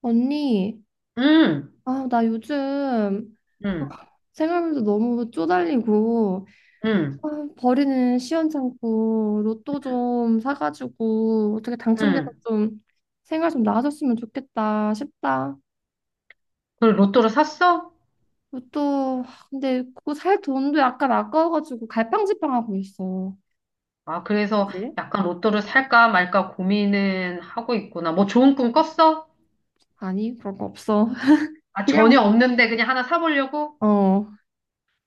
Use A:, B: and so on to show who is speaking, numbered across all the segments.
A: 언니,
B: 응,
A: 나 요즘
B: 응,
A: 생활비도 너무 쪼달리고,
B: 응,
A: 아, 버리는 시원찮고, 로또 좀 사가지고, 어떻게 당첨돼서
B: 응.
A: 좀 생활 좀 나아졌으면 좋겠다 싶다.
B: 그걸 로또를 샀어?
A: 로또, 근데 그거 살 돈도 약간 아까워가지고 갈팡질팡하고 있어.
B: 아, 그래서
A: 그치?
B: 약간 로또를 살까 말까 고민은 하고 있구나. 뭐 좋은 꿈 꿨어?
A: 아니, 그런 거 없어.
B: 아,
A: 그냥,
B: 전혀 없는데 그냥 하나 사보려고?
A: 어,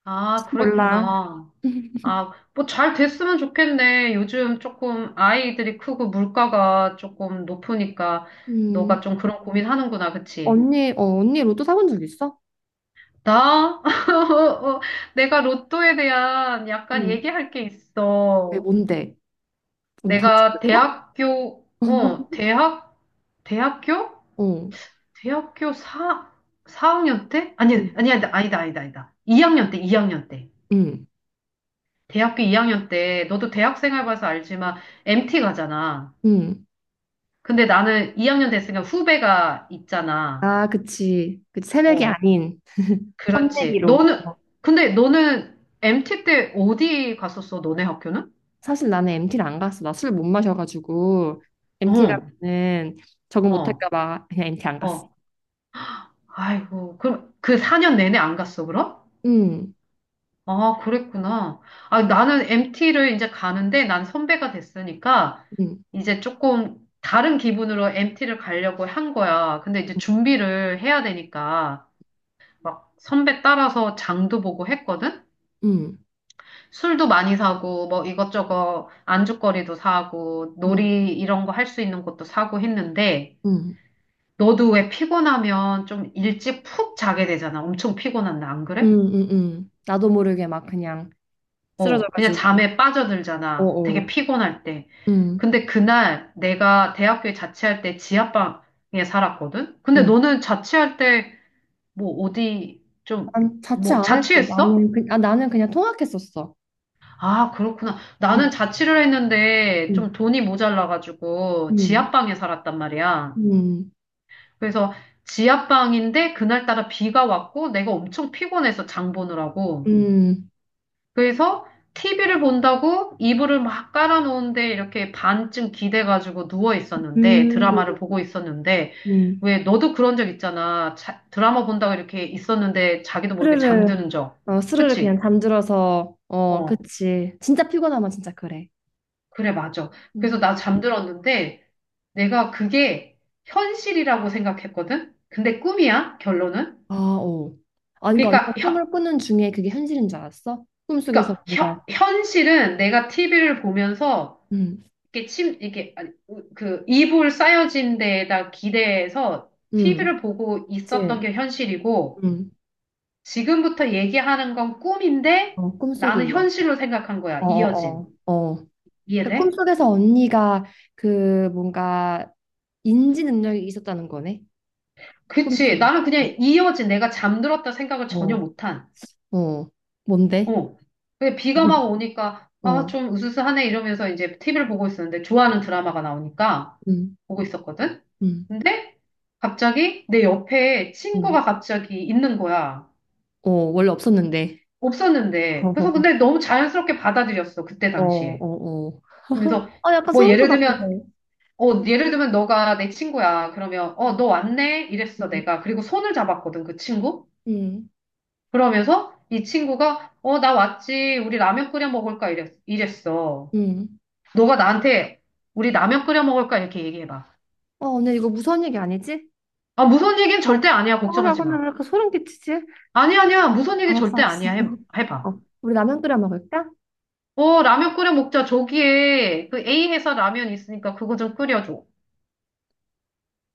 B: 아,
A: 몰라.
B: 그랬구나. 아, 뭐 잘 됐으면 좋겠네. 요즘 조금 아이들이 크고 물가가 조금 높으니까 너가
A: 음,
B: 좀 그런 고민하는구나, 그치?
A: 언니, 언니 로또 사본 적 있어?
B: 나? 어, 내가 로또에 대한 약간
A: 응.
B: 얘기할 게
A: 왜,
B: 있어.
A: 뭔데? 뭔
B: 내가
A: 당첨됐어?
B: 대학교?
A: 어.
B: 대학교 4학년 때? 아니,
A: 음,
B: 아니, 아니다. 2학년 때, 2학년 때.
A: 음,
B: 대학교 2학년 때, 너도 대학 생활 봐서 알지만, MT 가잖아.
A: 음.
B: 근데 나는 2학년 됐으니까 후배가 있잖아.
A: 아, 그치. 그치. 새내기
B: 어,
A: 아닌
B: 그렇지.
A: 혼내기로.
B: 근데 너는 MT 때 어디 갔었어, 너네 학교는?
A: 사실 나는 MT를 안 갔어. 나 술 못 마셔가지고 MT
B: 어,
A: 가면은 적응
B: 어,
A: 못할까 봐 그냥 MT 안 갔어.
B: 어. 아이고, 그럼 그 4년 내내 안 갔어, 그럼?
A: 음,
B: 아, 그랬구나. 아, 나는 MT를 이제 가는데 난 선배가 됐으니까
A: 음,
B: 이제 조금 다른 기분으로 MT를 가려고 한 거야. 근데 이제
A: 음,
B: 준비를 해야 되니까 막 선배 따라서 장도 보고 했거든?
A: 음,
B: 술도 많이 사고 뭐 이것저것 안주거리도 사고
A: 음,
B: 놀이 이런 거 할 수 있는 것도 사고 했는데
A: 음,
B: 너도 왜 피곤하면 좀 일찍 푹 자게 되잖아. 엄청 피곤한데 안 그래?
A: 나도 모르게 막 그냥
B: 어, 그냥
A: 쓰러져가지고.
B: 잠에 빠져들잖아. 되게
A: 어어.
B: 피곤할 때.
A: 음,
B: 근데 그날 내가 대학교에 자취할 때 지하방에 살았거든? 근데
A: 음.
B: 너는 자취할 때 뭐 어디 좀,
A: 난 자취
B: 뭐
A: 안 했어.
B: 자취했어?
A: 나는 나는 그냥 통학했었어.
B: 아, 그렇구나.
A: 음,
B: 나는 자취를 했는데 좀
A: 음,
B: 돈이 모자라가지고
A: 음,
B: 지하방에 살았단 말이야.
A: 음,
B: 그래서 지하방인데 그날따라 비가 왔고 내가 엄청 피곤해서 장 보느라고.
A: 음,
B: 그래서 TV를 본다고 이불을 막 깔아놓은데 이렇게 반쯤 기대가지고 누워 있었는데
A: 음, 음.
B: 드라마를 보고 있었는데
A: 음.
B: 왜 너도 그런 적 있잖아. 드라마 본다고 이렇게 있었는데 자기도 모르게
A: 스르르.
B: 잠드는 적.
A: 어, 스르르 그냥
B: 그치?
A: 잠들어서, 어,
B: 어,
A: 그치, 진짜 피곤하면 진짜 그래.
B: 그래, 맞아. 그래서
A: 음.
B: 나 잠들었는데 내가 그게 현실이라고 생각했거든? 근데 꿈이야, 결론은.
A: 아, 어. 아, 그러니까 언니가
B: 그러니까,
A: 꿈을
B: 현,
A: 꾸는 중에 그게 현실인 줄 알았어? 꿈속에서
B: 그러니까
A: 우리가.
B: 현실은 내가 TV를 보면서
A: 음,
B: 이게 침, 이게, 아니, 그, 이불 쌓여진 데에다 기대서
A: 음,
B: TV를 보고 있었던
A: 그치.
B: 게 현실이고,
A: 음,
B: 지금부터 얘기하는 건 꿈인데,
A: 어, 꿈속의
B: 나는
A: 이야기.
B: 현실로 생각한 거야.
A: 어,
B: 이어진.
A: 어, 어. 어. 그러니까
B: 이해돼?
A: 꿈속에서 언니가 그 뭔가 인지 능력이 있었다는 거네.
B: 그치.
A: 꿈속에.
B: 나는 그냥 이어진 내가 잠들었다 생각을 전혀
A: 어,
B: 못한.
A: 어. 뭔데?
B: 어. 근데 비가 막 오니까, 아,
A: 어.
B: 좀 으스스하네 이러면서 이제 TV를 보고 있었는데, 좋아하는 드라마가 나오니까
A: 음,
B: 보고 있었거든?
A: 음,
B: 근데 갑자기 내 옆에 친구가
A: 음.
B: 갑자기 있는 거야.
A: 어, 원래 없었는데.
B: 없었는데. 그래서 근데 너무 자연스럽게 받아들였어, 그때
A: 어,
B: 당시에.
A: 어, 어.
B: 그래서
A: 어, 약간
B: 뭐
A: 소름
B: 예를 들면,
A: 돋았는데.
B: 어, 예를 들면 너가 내 친구야. 그러면, 어,
A: 음,
B: 너 왔네? 이랬어, 내가. 그리고 손을 잡았거든, 그 친구.
A: 음,
B: 그러면서 이 친구가, 어, 나 왔지. 우리 라면 끓여 먹을까? 이랬어.
A: 음.
B: 너가 나한테 우리 라면 끓여 먹을까? 이렇게 얘기해봐.
A: 어, 언니 이거 무서운 얘기 아니지?
B: 아, 무서운 얘기는 절대 아니야.
A: 어, 나
B: 걱정하지
A: 근데
B: 마.
A: 왜 이렇게 소름 끼치지?
B: 아니야, 아니야. 무서운 얘기
A: 알았어,
B: 절대
A: 알았어.
B: 아니야. 해봐.
A: 어, 우리 라면 끓여 먹을까?
B: 어, 라면 끓여 먹자. 저기에 그 A 회사 라면 있으니까 그거 좀 끓여줘.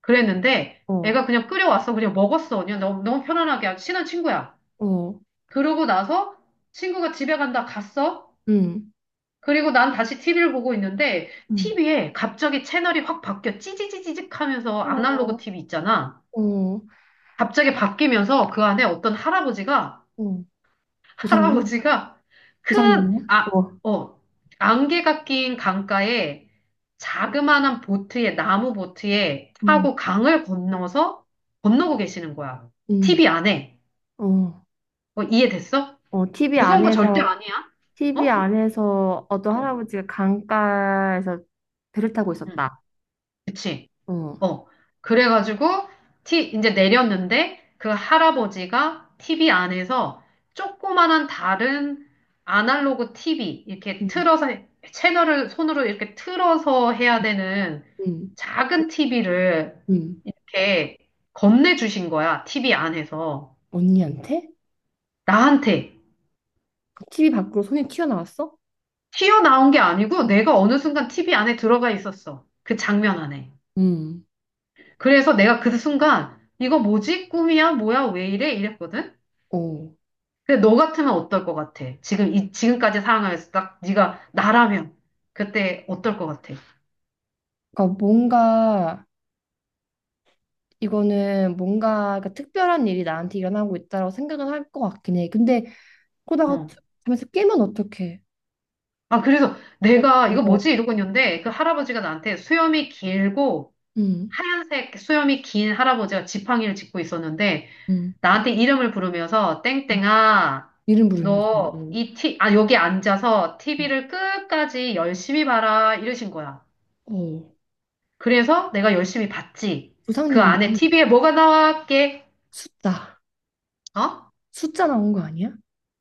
B: 그랬는데
A: 어,
B: 애가 그냥 끓여왔어. 그냥 먹었어. 그냥 너무, 너무 편안하게 아주 친한 친구야.
A: 어.
B: 그러고 나서 친구가 집에 간다 갔어.
A: 음,
B: 그리고 난 다시 TV를 보고 있는데
A: 음.
B: TV에 갑자기 채널이 확 바뀌어 찌지지지직 하면서
A: 어,
B: 아날로그
A: 어,
B: TV 있잖아.
A: 어,
B: 갑자기 바뀌면서 그 안에 어떤 할아버지가
A: 어. 조상님?
B: 할아버지가 큰,
A: 조상님이야?
B: 아,
A: 어.
B: 어, 안개가 낀 강가에 자그마한 보트에, 나무 보트에
A: 음,
B: 타고 강을 건너서 건너고 계시는 거야.
A: 음,
B: TV 안에.
A: 어,
B: 어, 이해됐어?
A: 어, TV
B: 무서운 거 절대
A: 안에서,
B: 아니야.
A: TV
B: 어?
A: 안에서 어떤
B: 어,
A: 할아버지가 강가에서 배를 타고
B: 응,
A: 있었다.
B: 그치.
A: 어.
B: 어. 그래가지고, 이제 내렸는데, 그 할아버지가 TV 안에서 조그만한 다른 아날로그 TV, 이렇게
A: 음,
B: 틀어서, 채널을 손으로 이렇게 틀어서 해야 되는
A: 음,
B: 작은 TV를
A: 음.
B: 이렇게 건네주신 거야, TV 안에서.
A: 언니한테?
B: 나한테.
A: TV 밖으로 손이 튀어나왔어?
B: 튀어나온 게 아니고, 내가 어느 순간 TV 안에 들어가 있었어. 그 장면 안에.
A: 음,
B: 그래서 내가 그 순간, 이거 뭐지? 꿈이야? 뭐야? 왜 이래? 이랬거든?
A: 오.
B: 근데 너 같으면 어떨 것 같아? 지금 이 지금까지 사아남서딱 네가 나라면 그때 어떨 것 같아?
A: 그러니까 뭔가 이거는 뭔가 그러니까 특별한 일이 나한테 일어나고 있다라고 생각은 할 것 같긴 해. 근데 그러다가
B: 어.
A: 잠에서 깨면 어떡해?
B: 아, 그래서
A: 어,
B: 내가 이거
A: 이거.
B: 뭐지 이러고 있는데 그 할아버지가 나한테 수염이 길고
A: 음,
B: 하얀색 수염이 긴 할아버지가 지팡이를 짚고 있었는데
A: 음,
B: 나한테 이름을 부르면서 땡땡아
A: 이름 부르면서
B: 너
A: 오.
B: 이 티, 아 여기 앉아서 TV를 끝까지 열심히 봐라 이러신 거야.
A: 어,
B: 그래서 내가 열심히 봤지. 그
A: 부상님이.
B: 안에 TV에 뭐가 나왔게?
A: 숫자,
B: 어?
A: 숫자 나온 거 아니야?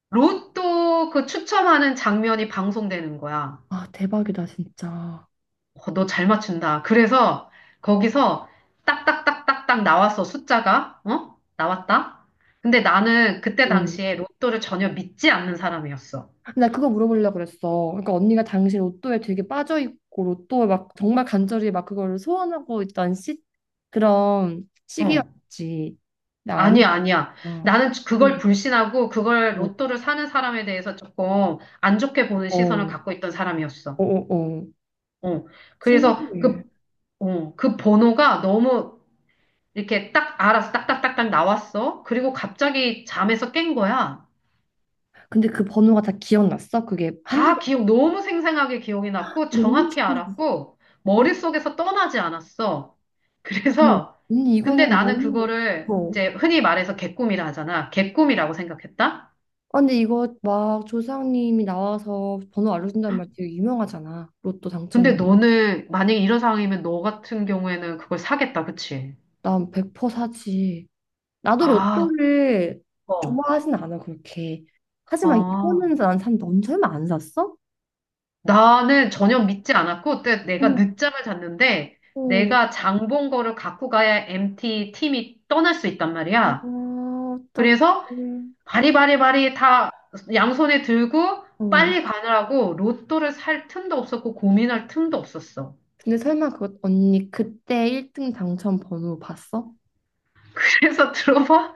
B: 로또 그 추첨하는 장면이 방송되는 거야.
A: 아, 대박이다 진짜.
B: 어, 너 잘 맞춘다. 그래서 거기서 딱딱딱딱딱 나왔어, 숫자가. 어? 나왔다. 근데 나는 그때 당시에
A: 어.
B: 로또를 전혀 믿지 않는 사람이었어.
A: 나 그거 물어보려고 그랬어. 그러니까 언니가 당신 로또에 되게 빠져있고 로또에 막 정말 간절히 막 그거를 소원하고 있던 시, 그런
B: 어.
A: 시기였지. 나 아니야.
B: 아니야, 아니야.
A: 응.
B: 나는 그걸 불신하고 그걸
A: 어,
B: 로또를 사는 사람에 대해서 조금 안 좋게 보는 시선을
A: 어,
B: 갖고 있던 사람이었어.
A: 어, 어. 어.
B: 어. 그래서
A: 신기해.
B: 그, 어, 그 번호가 너무 이렇게 딱 알아서 딱딱딱딱 나왔어. 그리고 갑자기 잠에서 깬 거야.
A: 근데 그 번호가 다 기억났어? 그게 한두 개.
B: 너무 생생하게 기억이 났고,
A: 너무
B: 정확히
A: 신기해.
B: 알았고, 머릿속에서 떠나지 않았어.
A: 어머,
B: 그래서,
A: 언니
B: 근데
A: 이거는
B: 나는
A: 너무.
B: 그거를
A: 어.
B: 이제 흔히 말해서 개꿈이라 하잖아. 개꿈이라고 생각했다?
A: 아, 근데 이거 막 조상님이 나와서 번호 알려준다는 말 되게 유명하잖아. 로또
B: 근데
A: 당첨은.
B: 너는, 만약에 이런 상황이면 너 같은 경우에는 그걸 사겠다, 그치?
A: 난 100% 사지. 나도
B: 아,
A: 로또를
B: 어,
A: 좋아하진 않아, 그렇게. 하지만
B: 아.
A: 이거는 넌 설마 안 샀어?
B: 나는 전혀 믿지 않았고, 때 내가
A: 어머,
B: 늦잠을 잤는데,
A: 어,
B: 내가 장본 거를 갖고 가야 MT 팀이 떠날 수 있단
A: 아,
B: 말이야. 그래서
A: 어떡해.
B: 바리바리바리 다 양손에 들고
A: 어.
B: 빨리 가느라고 로또를 살 틈도 없었고 고민할 틈도 없었어.
A: 근데 설마 그 언니 그때 1등 당첨 번호 봤어?
B: 그래서 들어봐.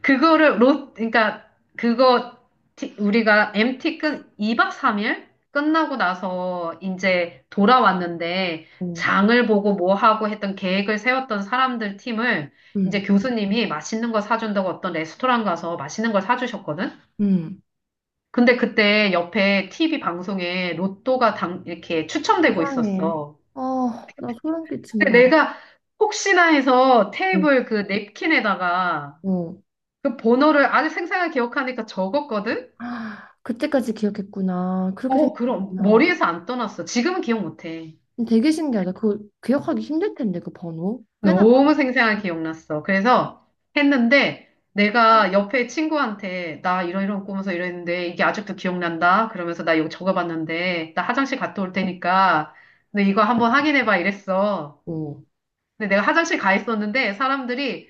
B: 그거를 로, 그러니까 그거 티- 우리가 MT 끈 2박 3일 끝나고 나서 이제 돌아왔는데
A: 어.
B: 장을 보고 뭐 하고 했던 계획을 세웠던 사람들 팀을 이제
A: 응,
B: 교수님이 맛있는 거 사준다고 어떤 레스토랑 가서 맛있는 걸 사주셨거든?
A: 응.
B: 근데 그때 옆에 TV 방송에 로또가 이렇게 추첨되고
A: 세상에.
B: 있었어.
A: 어, 나 소름
B: 근데
A: 끼친다.
B: 내가 혹시나 해서
A: 어,
B: 테이블 그 냅킨에다가
A: 어.
B: 그 번호를 아주 생생하게 기억하니까 적었거든?
A: 아, 그때까지 기억했구나. 그렇게
B: 어, 그럼
A: 생각했구나.
B: 머리에서 안 떠났어. 지금은 기억 못해.
A: 되게 신기하다. 그거 기억하기 힘들 텐데, 그 번호. 꽤나
B: 너무 생생하게 기억났어. 그래서 했는데 내가 옆에 친구한테 나 이런 이런 꾸면서 이랬는데 이게 아직도 기억난다. 그러면서 나 이거 적어봤는데 나 화장실 갔다 올 테니까 너 이거 한번 확인해봐 이랬어.
A: 많고.
B: 근데 내가 화장실 가 있었는데 사람들이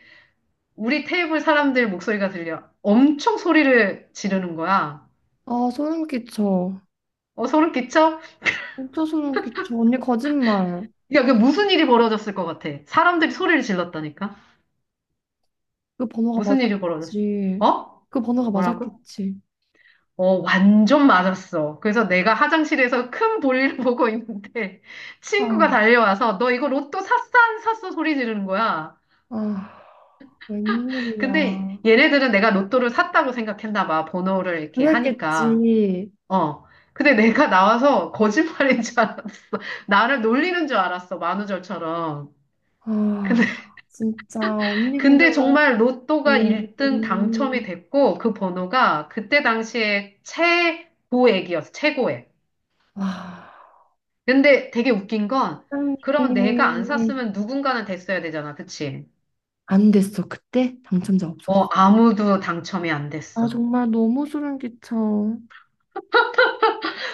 B: 우리 테이블 사람들 목소리가 들려. 엄청 소리를 지르는 거야.
A: 아, 소름 끼쳐.
B: 어, 소름 끼쳐?
A: 진짜 소름 끼쳐. 언니 거짓말.
B: 야, 게 무슨 일이 벌어졌을 것 같아. 사람들이 소리를 질렀다니까.
A: 그 번호가
B: 무슨 일이 벌어졌어?
A: 맞았겠지.
B: 어?
A: 그 번호가
B: 뭐라고?
A: 맞았겠지.
B: 어, 완전 맞았어. 그래서 내가 화장실에서 큰 볼일 보고 있는데 친구가
A: 아,
B: 달려와서 너 이거 로또 샀어? 안 샀어? 소리 지르는 거야.
A: 아,
B: 근데
A: 웬일이야.
B: 얘네들은 내가 로또를 샀다고 생각했나 봐. 번호를 이렇게 하니까.
A: 그랬겠지.
B: 어. 근데 내가 나와서 거짓말인 줄 알았어. 나를 놀리는 줄 알았어. 만우절처럼. 근데
A: 아, 진짜. 언니 근데
B: 근데
A: 왜.
B: 정말 로또가 1등 당첨이
A: 음.
B: 됐고, 그 번호가 그때 당시에 최고액이었어, 최고액.
A: 아,
B: 근데 되게 웃긴 건, 그럼 내가 안
A: 사장님이
B: 샀으면 누군가는 됐어야 되잖아, 그치?
A: 안 됐어. 그때 당첨자
B: 어,
A: 없었어.
B: 아무도 당첨이 안
A: 아,
B: 됐어.
A: 정말 너무 소름 끼쳐.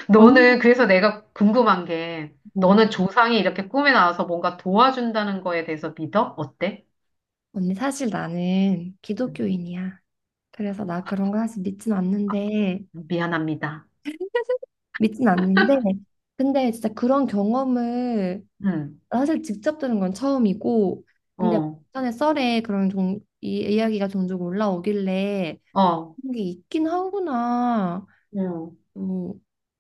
B: 너는,
A: 언니는
B: 그래서 내가 궁금한 게,
A: 뭐?
B: 너는 조상이 이렇게 꿈에 나와서 뭔가 도와준다는 거에 대해서 믿어? 어때?
A: 언니 사실 나는
B: 음,
A: 기독교인이야. 그래서 나 그런 거 사실 믿진 않는데,
B: 미안합니다.
A: 믿진 않는데, 근데 진짜 그런 경험을
B: 응,
A: 사실 직접 들은 건 처음이고, 근데
B: 어,
A: 전에 썰에 이 이야기가 종종 올라오길래
B: 어,
A: 그런 게 있긴 하구나.
B: 응.
A: 어,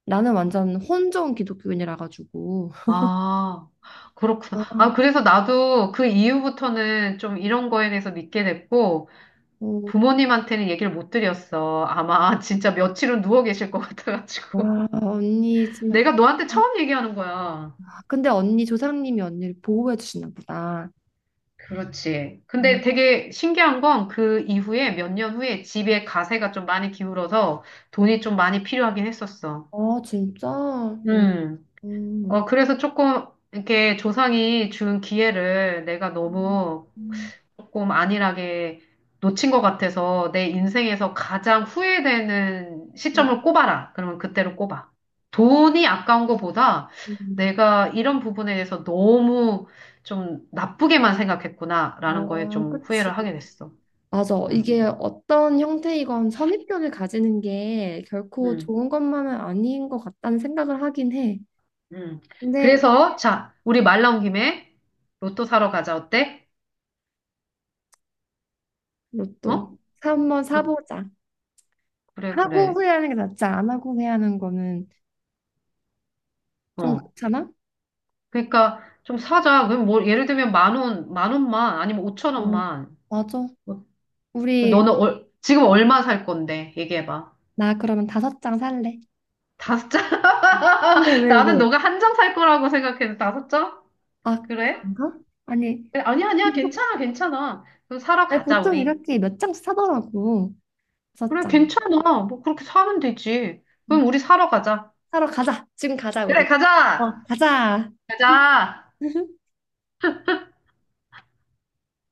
A: 나는 완전 혼종 기독교인이라 가지고.
B: 아, 그렇구나.
A: 아,
B: 아, 그래서 나도 그 이후부터는 좀 이런 거에 대해서 믿게 됐고,
A: 어,
B: 부모님한테는 얘기를 못 드렸어. 아마 진짜 며칠은 누워 계실 것 같아가지고.
A: 와 언니 진짜.
B: 내가 너한테 처음 얘기하는 거야.
A: 근데 언니 조상님이 언니를 보호해 주시나 보다.
B: 그렇지. 근데
A: 어,
B: 되게 신기한 건 그 이후에 몇 년 후에 집에 가세가 좀 많이 기울어서 돈이 좀 많이 필요하긴 했었어.
A: 아 진짜? 음,
B: 음. 어,
A: 음,
B: 그래서 조금 이렇게 조상이 준 기회를 내가
A: 음,
B: 너무
A: 음,
B: 조금 안일하게 놓친 것 같아서 내 인생에서 가장 후회되는
A: 음.
B: 시점을 꼽아라. 그러면 그때로 꼽아. 돈이 아까운 것보다
A: 음.
B: 내가 이런 부분에 대해서 너무 좀 나쁘게만 생각했구나라는 거에
A: 어,
B: 좀
A: 그치.
B: 후회를 하게 됐어.
A: 맞아.
B: 응,
A: 이게 어떤 형태이건 선입견을 가지는 게 결코
B: 응,
A: 좋은 것만은 아닌 것 같다는 생각을 하긴 해.
B: 응.
A: 근데
B: 그래서 자, 우리 말 나온 김에 로또 사러 가자. 어때? 어?
A: 한번
B: 뭐,
A: 사보자.
B: 그래,
A: 하고
B: 그래.
A: 후회하는 게 낫지. 안 하고 후회하는 거는 좀
B: 어.
A: 그렇잖아?
B: 그러니까 좀 사자. 그럼 뭐 예를 들면 10,000원, 10,000원만 아니면 오천
A: 어,
B: 원만.
A: 맞아.
B: 뭐 너는
A: 우리.
B: 지금 얼마 살 건데? 얘기해봐.
A: 나 그러면 다섯 장 살래.
B: 다섯 장?
A: 왜, 왜,
B: 나는
A: 왜?
B: 너가 한 장 살 거라고 생각해서 다섯 장?
A: 아,
B: 그래?
A: 그런가? 아니,
B: 그래, 아니야, 아니야. 괜찮아, 괜찮아. 그럼 사러
A: 나
B: 가자,
A: 보통
B: 우리.
A: 이렇게 몇 장씩 사더라고. 다섯
B: 그래,
A: 장.
B: 괜찮아. 뭐 그렇게 사면 되지.
A: 음,
B: 그럼 우리 사러 가자.
A: 사러 가자. 지금 가자,
B: 그래,
A: 우리. 와,
B: 가자!
A: 가자.
B: 가자!